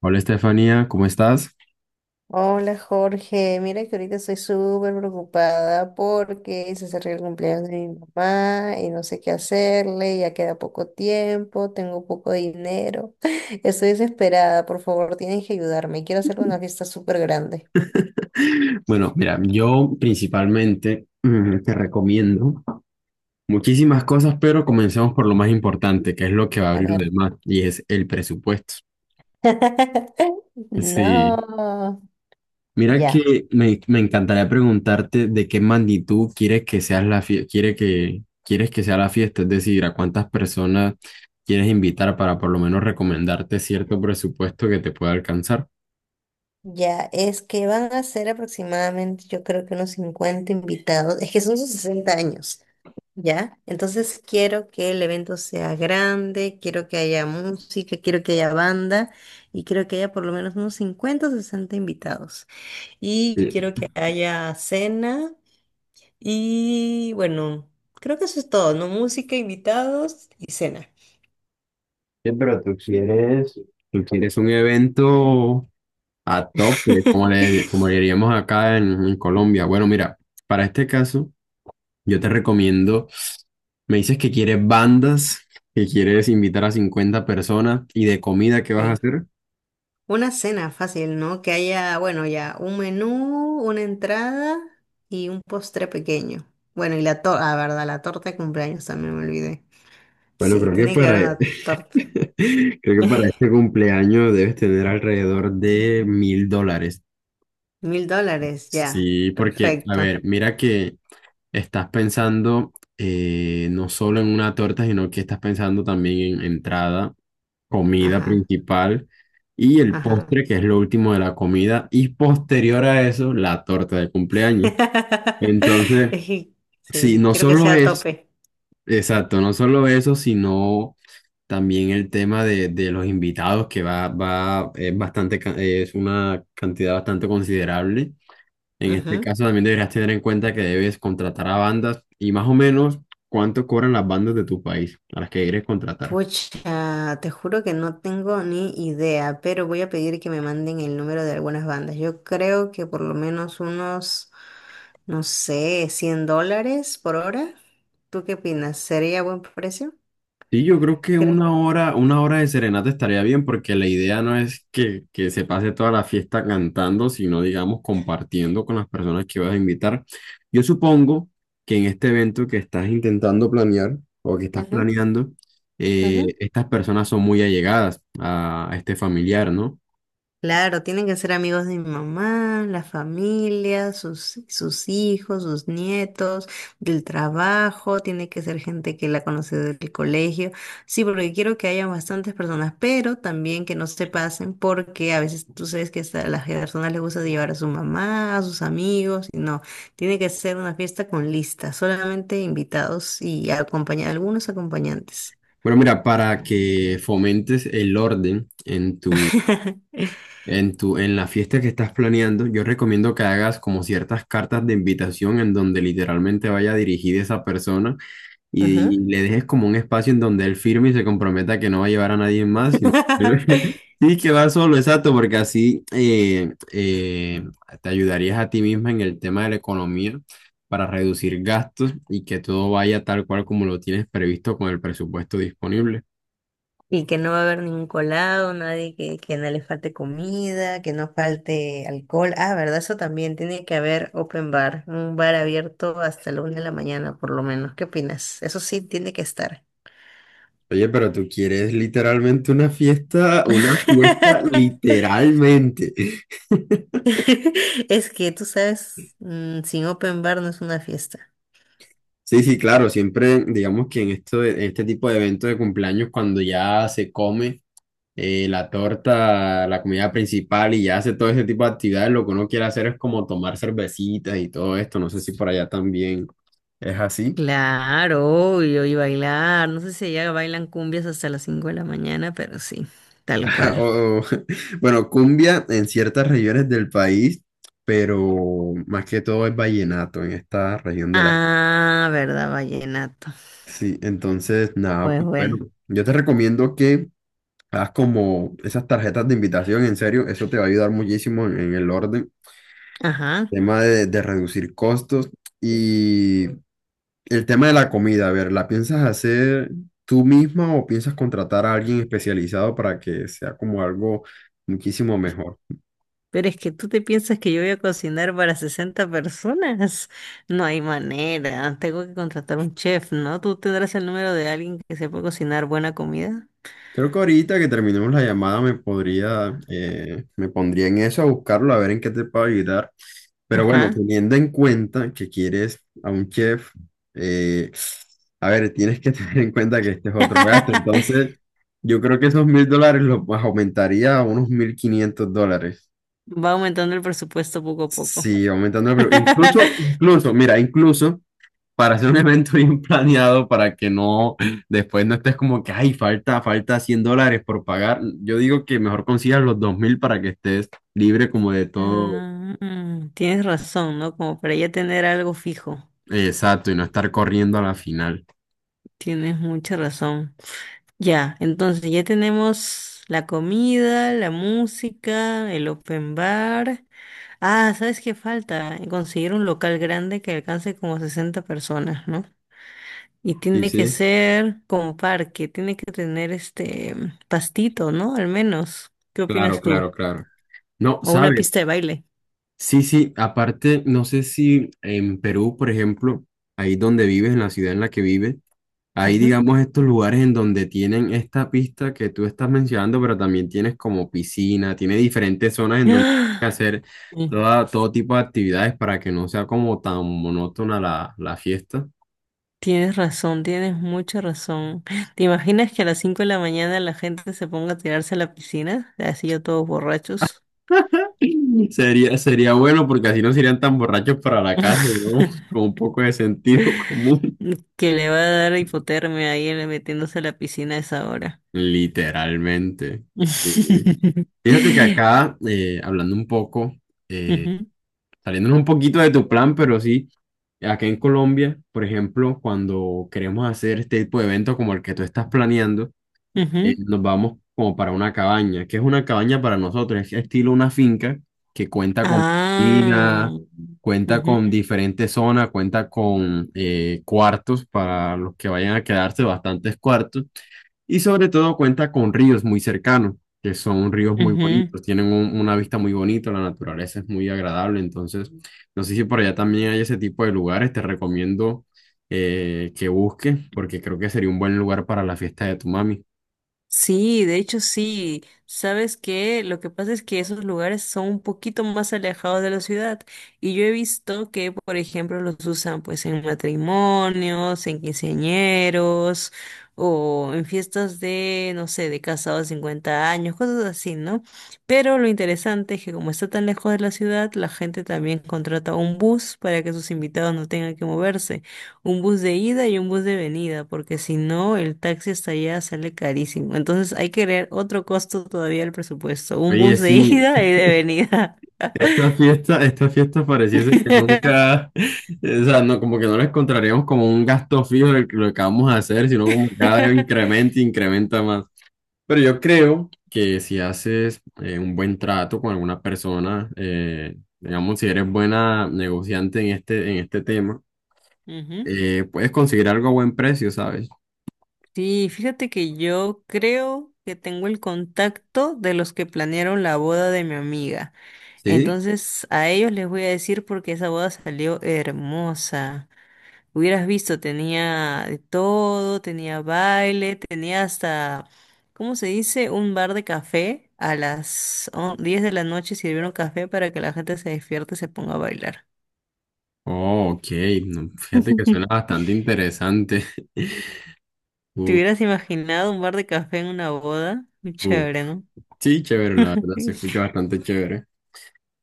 Hola Estefanía, ¿cómo estás? Hola Jorge, mira que ahorita estoy súper preocupada porque se acerca el cumpleaños de mi mamá y no sé qué hacerle, ya queda poco tiempo, tengo poco dinero, estoy desesperada, por favor tienes que ayudarme, quiero hacerle una fiesta súper grande. Bueno, mira, yo principalmente te recomiendo muchísimas cosas, pero comencemos por lo más importante, que es lo que va a A abrir lo ver. demás, y es el presupuesto. Sí, No, mira ya, que me encantaría preguntarte de qué magnitud quieres que seas la quieres que sea la fiesta, es decir, a cuántas personas quieres invitar para por lo menos recomendarte cierto presupuesto que te pueda alcanzar. ya, es que van a ser aproximadamente yo creo que unos 50 invitados, es que son sus 60 años. ¿Ya? Entonces quiero que el evento sea grande, quiero que haya música, quiero que haya banda y quiero que haya por lo menos unos 50 o 60 invitados. Y Sí. quiero que haya cena y bueno, creo que eso es todo, ¿no? Música, invitados y cena. ¿Quieres un evento? A tope, como le diríamos acá en Colombia. Bueno, mira, para este caso, yo te recomiendo, me dices que quieres bandas, que quieres invitar a 50 personas y de comida, ¿qué vas a Sí, hacer? una cena fácil, ¿no? Que haya, bueno, ya un menú, una entrada y un postre pequeño. Bueno, y la torta, ah, verdad, la torta de cumpleaños también me olvidé. Bueno, Sí, tiene que haber una torta. creo que para este cumpleaños debes tener alrededor de $1000. $1000, ya. Sí, porque, a Perfecto. ver, mira que estás pensando no solo en una torta, sino que estás pensando también en entrada comida Ajá, principal y el ajá. postre, que es lo último de la comida, y posterior a eso, la torta de cumpleaños. Entonces, Es que, sí, sí, no quiero que solo sea a es, tope. exacto, no solo eso, sino también el tema de los invitados, que va, es bastante, es una cantidad bastante considerable. En este Ujú. caso, también deberías tener en cuenta que debes contratar a bandas y más o menos cuánto cobran las bandas de tu país a las que quieres contratar. Pucha, te juro que no tengo ni idea, pero voy a pedir que me manden el número de algunas bandas. Yo creo que por lo menos unos, no sé, $100 por hora. ¿Tú qué opinas? ¿Sería buen precio? Sí, yo creo que Creo. Una hora de serenata estaría bien porque la idea no es que se pase toda la fiesta cantando, sino digamos compartiendo con las personas que vas a invitar. Yo supongo que en este evento que estás intentando planear o que estás Ujú, planeando, ujú. estas personas son muy allegadas a este familiar, ¿no? Claro, tienen que ser amigos de mi mamá, la familia, sus hijos, sus nietos, del trabajo, tiene que ser gente que la conoce del colegio. Sí, porque quiero que haya bastantes personas, pero también que no se pasen porque a veces tú sabes que a las personas les gusta llevar a su mamá, a sus amigos, y no, tiene que ser una fiesta con lista, solamente invitados y algunos acompañantes. Bueno, mira, para que fomentes el orden en en la fiesta que estás planeando, yo recomiendo que hagas como ciertas cartas de invitación en donde literalmente vaya dirigida esa persona Ajá. Y le dejes como un espacio en donde él firme y se comprometa que no va a llevar a nadie más, sino sí que va solo, exacto, porque así te ayudarías a ti misma en el tema de la economía para reducir gastos y que todo vaya tal cual como lo tienes previsto con el presupuesto disponible. Y que no va a haber ningún colado, nadie que, que no le falte comida, que no falte alcohol. Ah, ¿verdad? Eso también tiene que haber open bar, un bar abierto hasta la una de la mañana, por lo menos. ¿Qué opinas? Eso sí tiene que estar. Oye, pero tú quieres literalmente una fiesta literalmente. Es que tú sabes, sin open bar no es una fiesta. Sí, sí, claro, siempre digamos que en este tipo de eventos de cumpleaños, cuando ya se come la torta, la comida principal y ya hace todo ese tipo de actividades, lo que uno quiere hacer es como tomar cervecitas y todo esto. No sé si por allá también es así. Claro, obvio, y bailar. No sé si allá bailan cumbias hasta las 5 de la mañana, pero sí, tal cual. O- o- bueno, cumbia en ciertas regiones del país, pero más que todo es vallenato en esta región del. Ah, verdad, vallenato. Sí, entonces, nada, Pues pues bueno, bueno, yo te recomiendo que hagas como esas tarjetas de invitación, en serio, eso te va a ayudar muchísimo en el orden, ajá. tema de reducir costos y el tema de la comida, a ver, ¿la piensas hacer tú misma o piensas contratar a alguien especializado para que sea como algo muchísimo mejor? Pero es que tú te piensas que yo voy a cocinar para 60 personas. No hay manera. Tengo que contratar un chef, ¿no? ¿Tú tendrás el número de alguien que sepa cocinar buena comida? Creo que ahorita que terminemos la llamada me podría, me pondría en eso a buscarlo, a ver en qué te puedo ayudar. Pero bueno, Ajá. teniendo en cuenta que quieres a un chef, eh, a ver, tienes que tener en cuenta que este es otro gasto. Entonces, yo creo que esos $1000 los aumentaría a unos $1500. Va aumentando el presupuesto poco a poco. Sí, aumentando el incluso, incluso, mira, incluso para hacer un evento bien planeado para que no, después no estés como que, ay, falta $100 por pagar. Yo digo que mejor consigas los 2000 para que estés libre como de todo, Ah, tienes razón, ¿no? Como para ya tener algo fijo. Exacto, y no estar corriendo a la final. Tienes mucha razón. Ya, entonces ya tenemos la comida, la música, el open bar. Ah, ¿sabes qué falta? Conseguir un local grande que alcance como 60 personas, ¿no? Y Sí, tiene que sí, ser como parque, tiene que tener este pastito, ¿no? Al menos. ¿Qué opinas tú? claro. No, O una ¿sabes? pista de baile. Sí, sí, aparte, no sé si en Perú, por ejemplo, ahí donde vives, en la ciudad en la que vives, hay, Ujú. digamos, estos lugares en donde tienen esta pista que tú estás mencionando, pero también tienes como piscina, tiene diferentes zonas en donde ¡Ah! hacer Mm, todo tipo de actividades para que no sea como tan monótona la fiesta. Tienes razón, tienes mucha razón. ¿Te imaginas que a las 5 de la mañana la gente se ponga a tirarse a la piscina? Así yo todos borrachos. Sería, sería bueno porque así no serían tan borrachos para la casa, ¿no? Con un poco de sentido común. Que le va a dar hipotermia ahí él metiéndose a la piscina a esa hora. Literalmente, Ujú, sí. Fíjate que acá, hablando un poco, eh, saliéndonos un poquito de tu plan, pero sí, acá en Colombia, por ejemplo, cuando queremos hacer este tipo de eventos como el que tú estás planeando, ujú. nos vamos como para una cabaña, que es una cabaña para nosotros, es estilo una finca que cuenta con piscina, Ah, cuenta con ujú, diferentes zonas, cuenta con cuartos para los que vayan a quedarse, bastantes cuartos, y sobre todo cuenta con ríos muy cercanos, que son ríos muy ujú. bonitos, tienen una vista muy bonita, la naturaleza es muy agradable, entonces no sé si por allá también hay ese tipo de lugares, te recomiendo que busques, porque creo que sería un buen lugar para la fiesta de tu mami. Sí, de hecho sí. ¿Sabes qué? Lo que pasa es que esos lugares son un poquito más alejados de la ciudad y yo he visto que, por ejemplo, los usan pues en matrimonios, en quinceañeros o en fiestas de, no sé, de casados de 50 años, cosas así, ¿no? Pero lo interesante es que como está tan lejos de la ciudad, la gente también contrata un bus para que sus invitados no tengan que moverse un bus de ida y un bus de venida, porque si no, el taxi hasta allá sale carísimo. Entonces hay que ver otro costo todavía al presupuesto, un Oye, bus de sí, ida y de venida. Esta fiesta pareciese que nunca, o sea, no, como que no la encontraríamos como un gasto fijo de lo que vamos a hacer, sino como que cada vez incrementa, y incrementa más. Pero yo creo que si haces un buen trato con alguna persona, digamos, si eres buena negociante en este tema, Ujú. Puedes conseguir algo a buen precio, ¿sabes? Sí, fíjate que yo creo que tengo el contacto de los que planearon la boda de mi amiga. ¿Sí? Entonces a ellos les voy a decir porque esa boda salió hermosa. Hubieras visto, tenía de todo, tenía baile, tenía hasta, ¿cómo se dice? Un bar de café. A las 10 de la noche sirvieron café para que la gente se despierte y se ponga a bailar. Oh, ok, no, fíjate que suena bastante interesante. ¿Te Uf. hubieras imaginado un bar de café en una boda? Muy Uf. chévere, ¿no? Sí, chévere, la verdad, se escucha bastante chévere.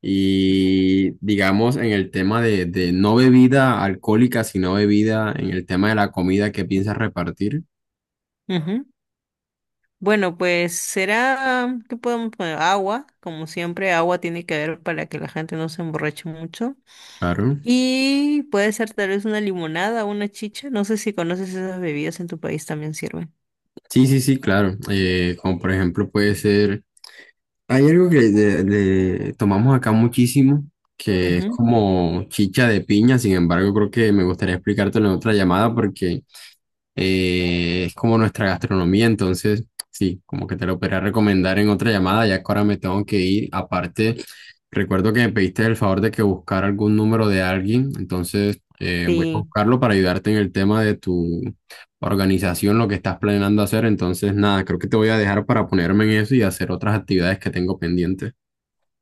Y digamos, en el tema de no bebida alcohólica, sino bebida, en el tema de la comida que piensas repartir, Ujú. Bueno, pues será, ¿qué podemos poner? Agua, como siempre, agua tiene que haber para que la gente no se emborrache mucho. claro. Y puede ser tal vez una limonada, una chicha. No sé si conoces esas bebidas en tu país también sirven. Sí, sí, sí, claro. Como por ejemplo puede ser, hay algo que le tomamos acá muchísimo, que es Ujú. como chicha de piña, sin embargo, creo que me gustaría explicártelo en otra llamada porque... es como nuestra gastronomía, entonces sí, como que te lo podría recomendar en otra llamada, ya que ahora me tengo que ir. Aparte, recuerdo que me pediste el favor de que buscara algún número de alguien, entonces voy a Sí, buscarlo para ayudarte en el tema de tu organización, lo que estás planeando hacer. Entonces, nada, creo que te voy a dejar para ponerme en eso y hacer otras actividades que tengo pendientes.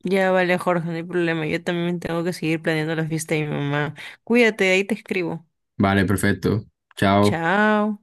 ya vale, Jorge, no hay problema. Yo también tengo que seguir planeando la fiesta de mi mamá. Cuídate, ahí te escribo. Vale, perfecto. Chao. Chao.